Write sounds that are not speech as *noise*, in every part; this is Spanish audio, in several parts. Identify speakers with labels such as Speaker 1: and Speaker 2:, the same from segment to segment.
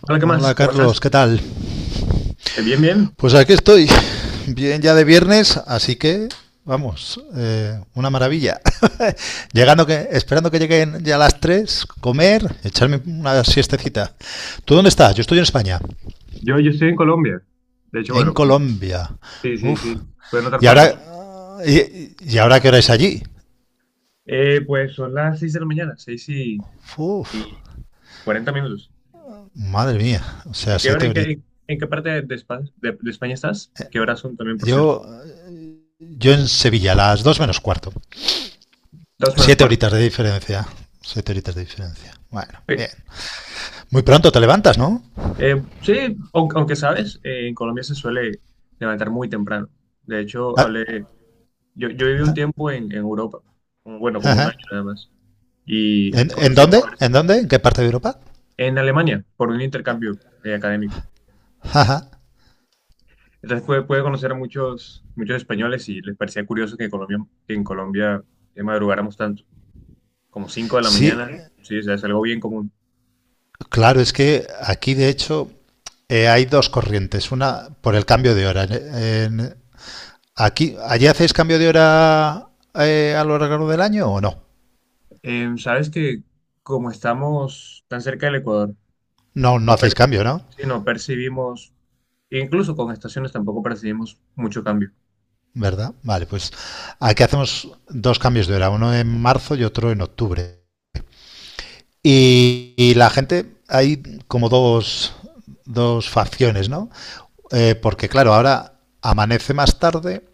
Speaker 1: Hola, ¿qué más?
Speaker 2: Hola
Speaker 1: ¿Cómo estás?
Speaker 2: Carlos, ¿qué tal?
Speaker 1: Bien, bien.
Speaker 2: Pues aquí estoy, bien ya de viernes, así que vamos, una maravilla. *laughs* Esperando que lleguen ya las 3, comer, echarme una siestecita. ¿Tú dónde estás? Yo estoy en España,
Speaker 1: Yo estoy en Colombia. De hecho, bueno,
Speaker 2: en Colombia.
Speaker 1: sí, sí,
Speaker 2: Uf.
Speaker 1: sí. Puedes notar
Speaker 2: Y
Speaker 1: por tu
Speaker 2: ahora,
Speaker 1: acento.
Speaker 2: y, y ahora qué hora es allí?
Speaker 1: Pues son las 6 de la mañana, seis y,
Speaker 2: Uf,
Speaker 1: y 40 minutos.
Speaker 2: madre mía, o sea,
Speaker 1: ¿Y qué hora,
Speaker 2: siete horitas.
Speaker 1: en qué parte de, de España estás? ¿Qué horas son también, por cierto?
Speaker 2: Yo, yo en Sevilla, las 2 menos cuarto.
Speaker 1: Dos menos
Speaker 2: Siete
Speaker 1: cuarto.
Speaker 2: horitas de diferencia. Siete horitas de diferencia. Bueno, bien.
Speaker 1: Sí.
Speaker 2: Muy pronto te levantas, ¿no?
Speaker 1: Sí, aunque sabes, en Colombia se suele levantar muy temprano. De hecho,
Speaker 2: Ah, ah,
Speaker 1: yo viví un tiempo en Europa, bueno,
Speaker 2: ah,
Speaker 1: como un
Speaker 2: ah.
Speaker 1: año nada más, y
Speaker 2: ¿En
Speaker 1: conocí
Speaker 2: dónde?
Speaker 1: como
Speaker 2: ¿En dónde? ¿En qué parte de Europa?
Speaker 1: en Alemania por un intercambio académico.
Speaker 2: Ah, ah.
Speaker 1: Entonces pude conocer a muchos españoles y les parecía curioso que, en Colombia madrugáramos tanto, como 5 de la
Speaker 2: Sí,
Speaker 1: mañana, sí, o sea, es algo bien común.
Speaker 2: claro, es que aquí de hecho hay dos corrientes. Una por el cambio de hora. En- aquí, ¿allí hacéis cambio de hora a lo largo del año o no?
Speaker 1: Sabes que como estamos tan cerca del Ecuador,
Speaker 2: No, no
Speaker 1: no,
Speaker 2: hacéis
Speaker 1: per-
Speaker 2: cambio, ¿no?
Speaker 1: sí, no percibimos, incluso con estaciones tampoco percibimos mucho cambio.
Speaker 2: ¿Verdad? Vale, pues aquí hacemos dos cambios de hora, uno en marzo y otro en octubre. Y la gente, hay como dos, dos facciones, ¿no? Porque claro, ahora amanece más tarde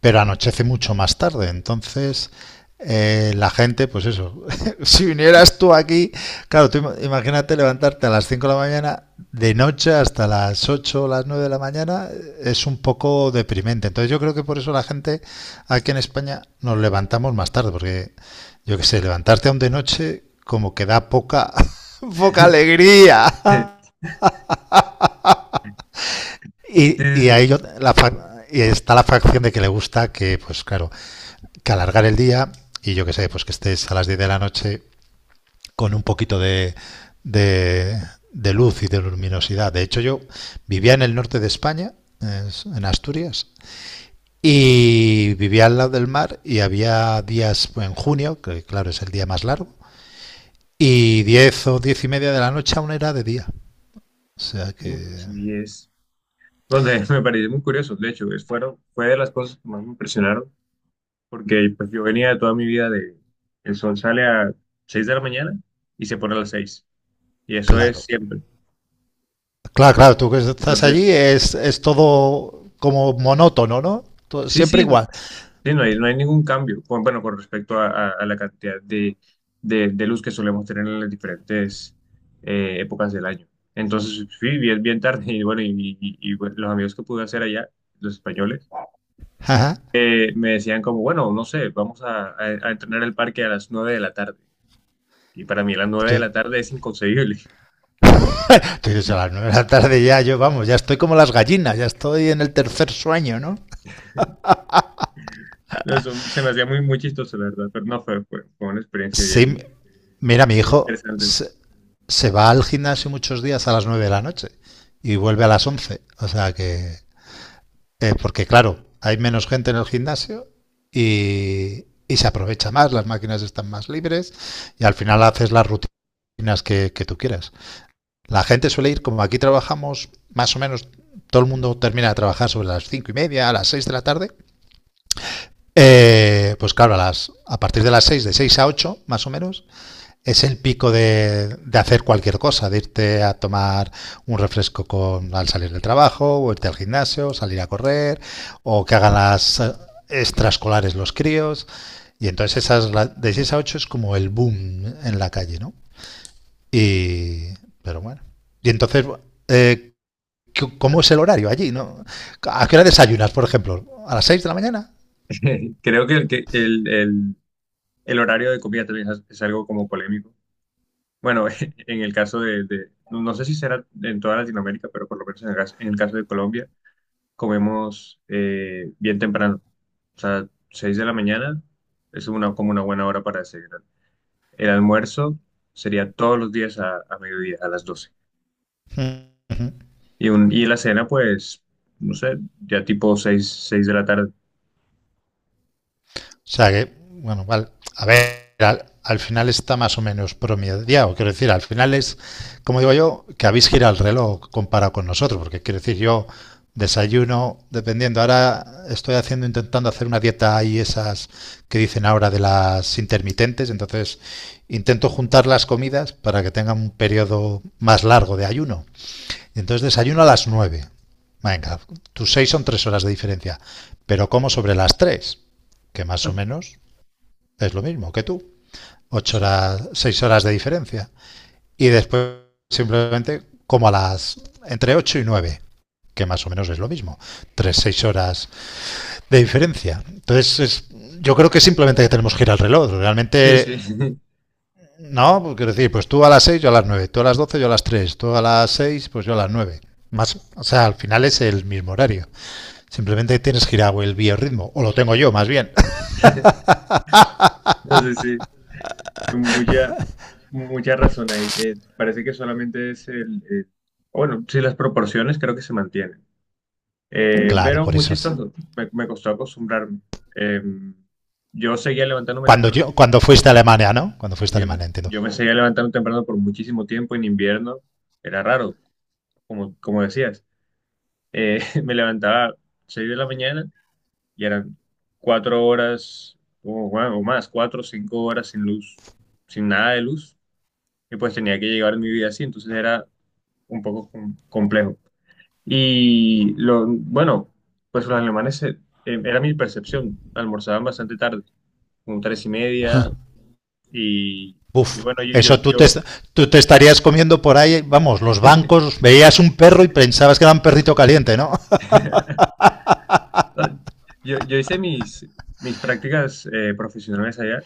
Speaker 2: pero anochece mucho más tarde. Entonces, la gente, pues eso, *laughs* si vinieras tú aquí, claro, tú imagínate levantarte a las 5 de la mañana, de noche hasta las 8, o las 9 de la mañana, es un poco deprimente. Entonces yo creo que por eso la gente aquí en España nos levantamos más tarde, porque yo qué sé, levantarte aún de noche como que da poca, *laughs* poca
Speaker 1: *laughs*
Speaker 2: alegría.
Speaker 1: Sí, sí,
Speaker 2: Y
Speaker 1: sí.
Speaker 2: ahí yo, la, fa- y está la facción de que le gusta que, pues claro, que alargar el día y yo que sé, pues que estés a las 10 de la noche con un poquito de, de luz y de luminosidad. De hecho, yo vivía en el norte de España, en Asturias, y vivía al lado del mar y había días pues, en junio, que claro es el día más largo, y 10 o 10 y media de la noche aún era de día. O sea que,
Speaker 1: Uf, sí es. Bueno, *laughs* me pareció muy curioso, de hecho, fue de las cosas que más me impresionaron porque pues yo venía de toda mi vida de, el sol sale a 6 de la mañana y se pone a las 6 y eso es
Speaker 2: claro.
Speaker 1: siempre.
Speaker 2: Claro, claro, tú que estás
Speaker 1: Entonces,
Speaker 2: allí es todo como monótono, ¿no? Todo,
Speaker 1: sí,
Speaker 2: siempre
Speaker 1: sí,
Speaker 2: igual.
Speaker 1: sí, no hay ningún cambio, bueno, con respecto a, a la cantidad de, de luz que solemos tener en las diferentes épocas del año. Entonces, sí, bien, bien tarde, y bueno, bueno, los amigos que pude hacer allá, los españoles,
Speaker 2: Ajá.
Speaker 1: me decían como, bueno, no sé, vamos a, a entrenar el parque a las 9 de la tarde. Y para mí a las 9
Speaker 2: Tú,
Speaker 1: de la tarde es inconcebible.
Speaker 2: Entonces a las 9 de la tarde ya yo, vamos, ya estoy como las gallinas, ya estoy en el tercer sueño, ¿no?
Speaker 1: No. Eso se me hacía muy, muy chistoso, la verdad, pero no fue, fue, fue una experiencia bien,
Speaker 2: Sí, mira, mi
Speaker 1: bien
Speaker 2: hijo
Speaker 1: interesante.
Speaker 2: se va al gimnasio muchos días a las 9 de la noche y vuelve a las 11. O sea que, porque claro, hay menos gente en el gimnasio y se aprovecha más, las máquinas están más libres y al final haces las rutinas que tú quieras. La gente suele ir, como aquí trabajamos más o menos, todo el mundo termina de trabajar sobre las cinco y media, a las 6 de la tarde. Pues claro, a partir de las 6, de 6 a 8, más o menos, es el pico de hacer cualquier cosa, de irte a tomar un refresco con, al salir del trabajo, o irte al gimnasio, o salir a correr, o que hagan las extraescolares los críos. Y entonces esas de 6 a 8 es como el boom en la calle, ¿no? Y, pero bueno. Y entonces, eh, ¿cómo es el horario allí? ¿No? ¿A qué hora desayunas, por ejemplo? ¿A las 6 de la mañana?
Speaker 1: *laughs* Creo que, el horario de comida también es algo como polémico. Bueno, *laughs* en el caso de, no no sé si será en toda Latinoamérica, pero por lo menos en el caso de Colombia, comemos bien temprano. O sea, 6 de la mañana es una, como una buena hora para desayunar. El almuerzo sería todos los días a mediodía, a las doce.
Speaker 2: Mm.
Speaker 1: Y la cena, pues, no sé, ya tipo seis, seis de la tarde.
Speaker 2: O sea que, bueno, vale. A ver, al final está más o menos promediado. Quiero decir, al final es, como digo yo, que habéis girado el reloj comparado con nosotros, porque quiero decir, yo desayuno, dependiendo. Ahora estoy haciendo, intentando hacer una dieta ahí, esas que dicen ahora de las intermitentes. Entonces, intento juntar las comidas para que tengan un periodo más largo de ayuno. Entonces desayuno a las 9. Venga, tus 6 son 3 horas de diferencia, pero como sobre las 3, que más o
Speaker 1: Ah,
Speaker 2: menos es lo mismo que tú, ocho
Speaker 1: sí,
Speaker 2: horas, seis horas de diferencia. Y después simplemente como a las entre 8 y 9, que más o menos es lo mismo. 3, 6 horas de diferencia. Entonces es, yo creo que simplemente tenemos que ir al reloj.
Speaker 1: sí. No,
Speaker 2: Realmente
Speaker 1: sí. *laughs*
Speaker 2: no, pues quiero decir, pues tú a las 6, yo a las 9, tú a las 12, yo a las 3, tú a las seis, pues yo a las 9. Más, o sea, al final es el mismo horario. Simplemente tienes girado el biorritmo, o lo tengo yo más bien.
Speaker 1: Entonces, sí, mucha, mucha razón ahí. Parece que solamente es el... bueno, sí, las proporciones creo que se mantienen.
Speaker 2: *laughs* Claro,
Speaker 1: Pero
Speaker 2: por
Speaker 1: muy
Speaker 2: eso es.
Speaker 1: chistoso, me costó acostumbrarme. Eh, yo seguía levantándome
Speaker 2: Cuando,
Speaker 1: temprano.
Speaker 2: yo, cuando fuiste a Alemania, ¿no? Cuando fuiste a
Speaker 1: Sí.
Speaker 2: Alemania, entiendo.
Speaker 1: Yo me seguía levantando temprano por muchísimo tiempo en invierno. Era raro, como decías. *laughs* Me levantaba 6 de la mañana y eran cuatro horas o, bueno, o más, cuatro o cinco horas sin luz, sin nada de luz, y pues tenía que llegar mi vida así, entonces era un poco complejo. Y lo, bueno, pues los alemanes, era mi percepción, almorzaban bastante tarde, como tres y media, y, y
Speaker 2: Uf,
Speaker 1: bueno,
Speaker 2: eso tú te, tú te estarías comiendo por ahí, vamos, los bancos, veías un perro y pensabas que era un perrito caliente, ¿no?
Speaker 1: ah, yo hice mis prácticas profesionales allá.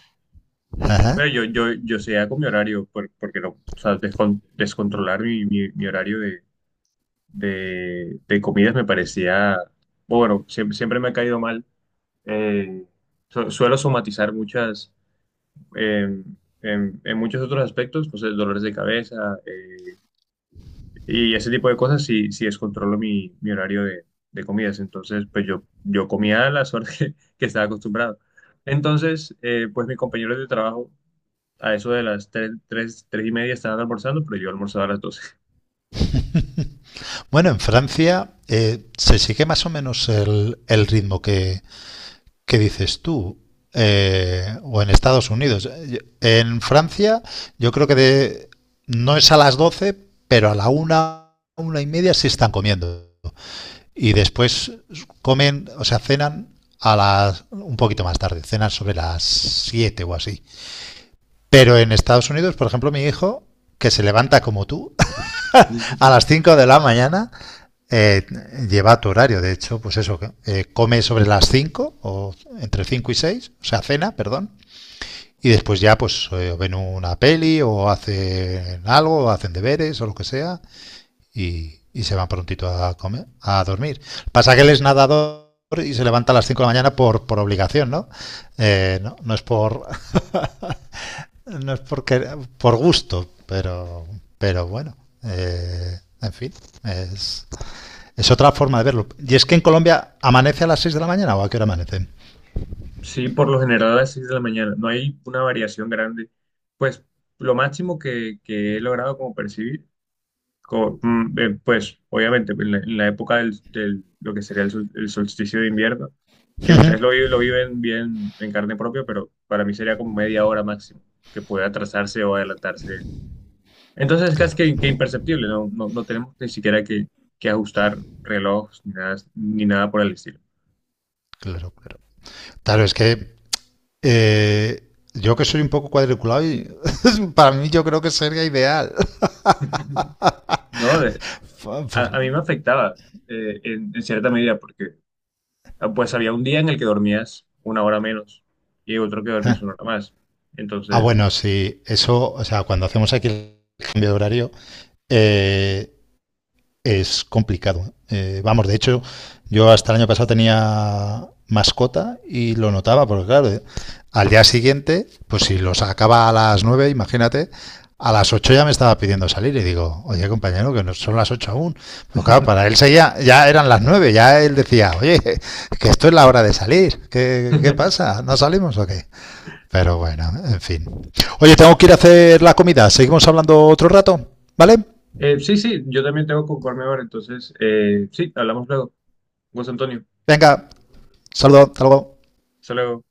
Speaker 2: *laughs*
Speaker 1: Pero
Speaker 2: Ajá.
Speaker 1: yo seguía con mi horario, porque no, o sea, descontrolar mi horario de, de comidas me parecía, bueno, siempre, siempre me ha caído mal. Eh, suelo somatizar muchas, eh, en muchos otros aspectos, pues dolores de cabeza y ese tipo de cosas si, si descontrolo mi horario de comidas. Entonces, pues yo comía a las horas *laughs* que estaba acostumbrado. Entonces, pues mis compañeros de trabajo a eso de las tres y media estaban almorzando, pero yo almorzaba a las doce.
Speaker 2: Bueno, en Francia se sigue más o menos el ritmo que, ¿qué dices tú? O en Estados Unidos. En Francia, yo creo que no es a las 12, pero a la una y media sí están comiendo. Y después comen, o sea, cenan a las un poquito más tarde, cenan sobre las 7 o así. Pero en Estados Unidos, por ejemplo, mi hijo, que se levanta como tú, a las
Speaker 1: *laughs*
Speaker 2: 5 de la mañana. Eh, lleva tu horario, de hecho, pues eso, come sobre las 5 o entre 5 y 6. O sea, cena, perdón, y después ya pues ven una peli o hacen algo, o hacen deberes o lo que sea, y se van prontito a comer, a dormir. Pasa que él es nadador y se levanta a las 5 de la mañana por obligación, ¿no? No, no es por... *laughs* No es porque por gusto, pero bueno. En fin, es, otra forma de verlo. Y es que en Colombia amanece a las 6 de la mañana o a qué hora amanece.
Speaker 1: Sí, por lo general a las 6 de la mañana. No hay una variación grande. Pues lo máximo que he logrado como percibir, pues obviamente en la época lo que sería el, el solsticio de invierno, que ustedes lo, lo viven bien en carne propia, pero para mí sería como media hora máximo, que puede atrasarse o adelantarse. Entonces es casi
Speaker 2: Claro,
Speaker 1: que imperceptible, no, no tenemos ni siquiera que ajustar reloj ni nada, ni nada por el estilo.
Speaker 2: claro, claro. Claro, es que yo que soy un poco cuadriculado, y *laughs* para mí yo creo que sería ideal.
Speaker 1: ¿No? A mí
Speaker 2: *laughs*
Speaker 1: me afectaba en cierta medida porque ah, pues había un día en el que dormías una hora menos y otro que dormías una hora más.
Speaker 2: Ah,
Speaker 1: Entonces,
Speaker 2: bueno, sí, eso, o sea, cuando hacemos aquí el cambio de horario, eh, es complicado. Vamos, de hecho, yo hasta el año pasado tenía mascota y lo notaba, porque claro, al día siguiente, pues si lo sacaba a las 9, imagínate, a las 8 ya me estaba pidiendo salir y digo, oye compañero, que no son las 8 aún. Pero claro, para
Speaker 1: *laughs*
Speaker 2: él seguía, ya eran las 9, ya él decía, oye, que esto es la hora de salir, ¿qué pasa? ¿No salimos o qué? Pero bueno, en fin. Oye, tengo que ir a hacer la comida, seguimos hablando otro rato, ¿vale?
Speaker 1: sí, sí, yo también tengo que ocuparme ahora. Entonces, sí, hablamos luego. José Antonio,
Speaker 2: Venga, saludo, hasta luego.
Speaker 1: hasta luego.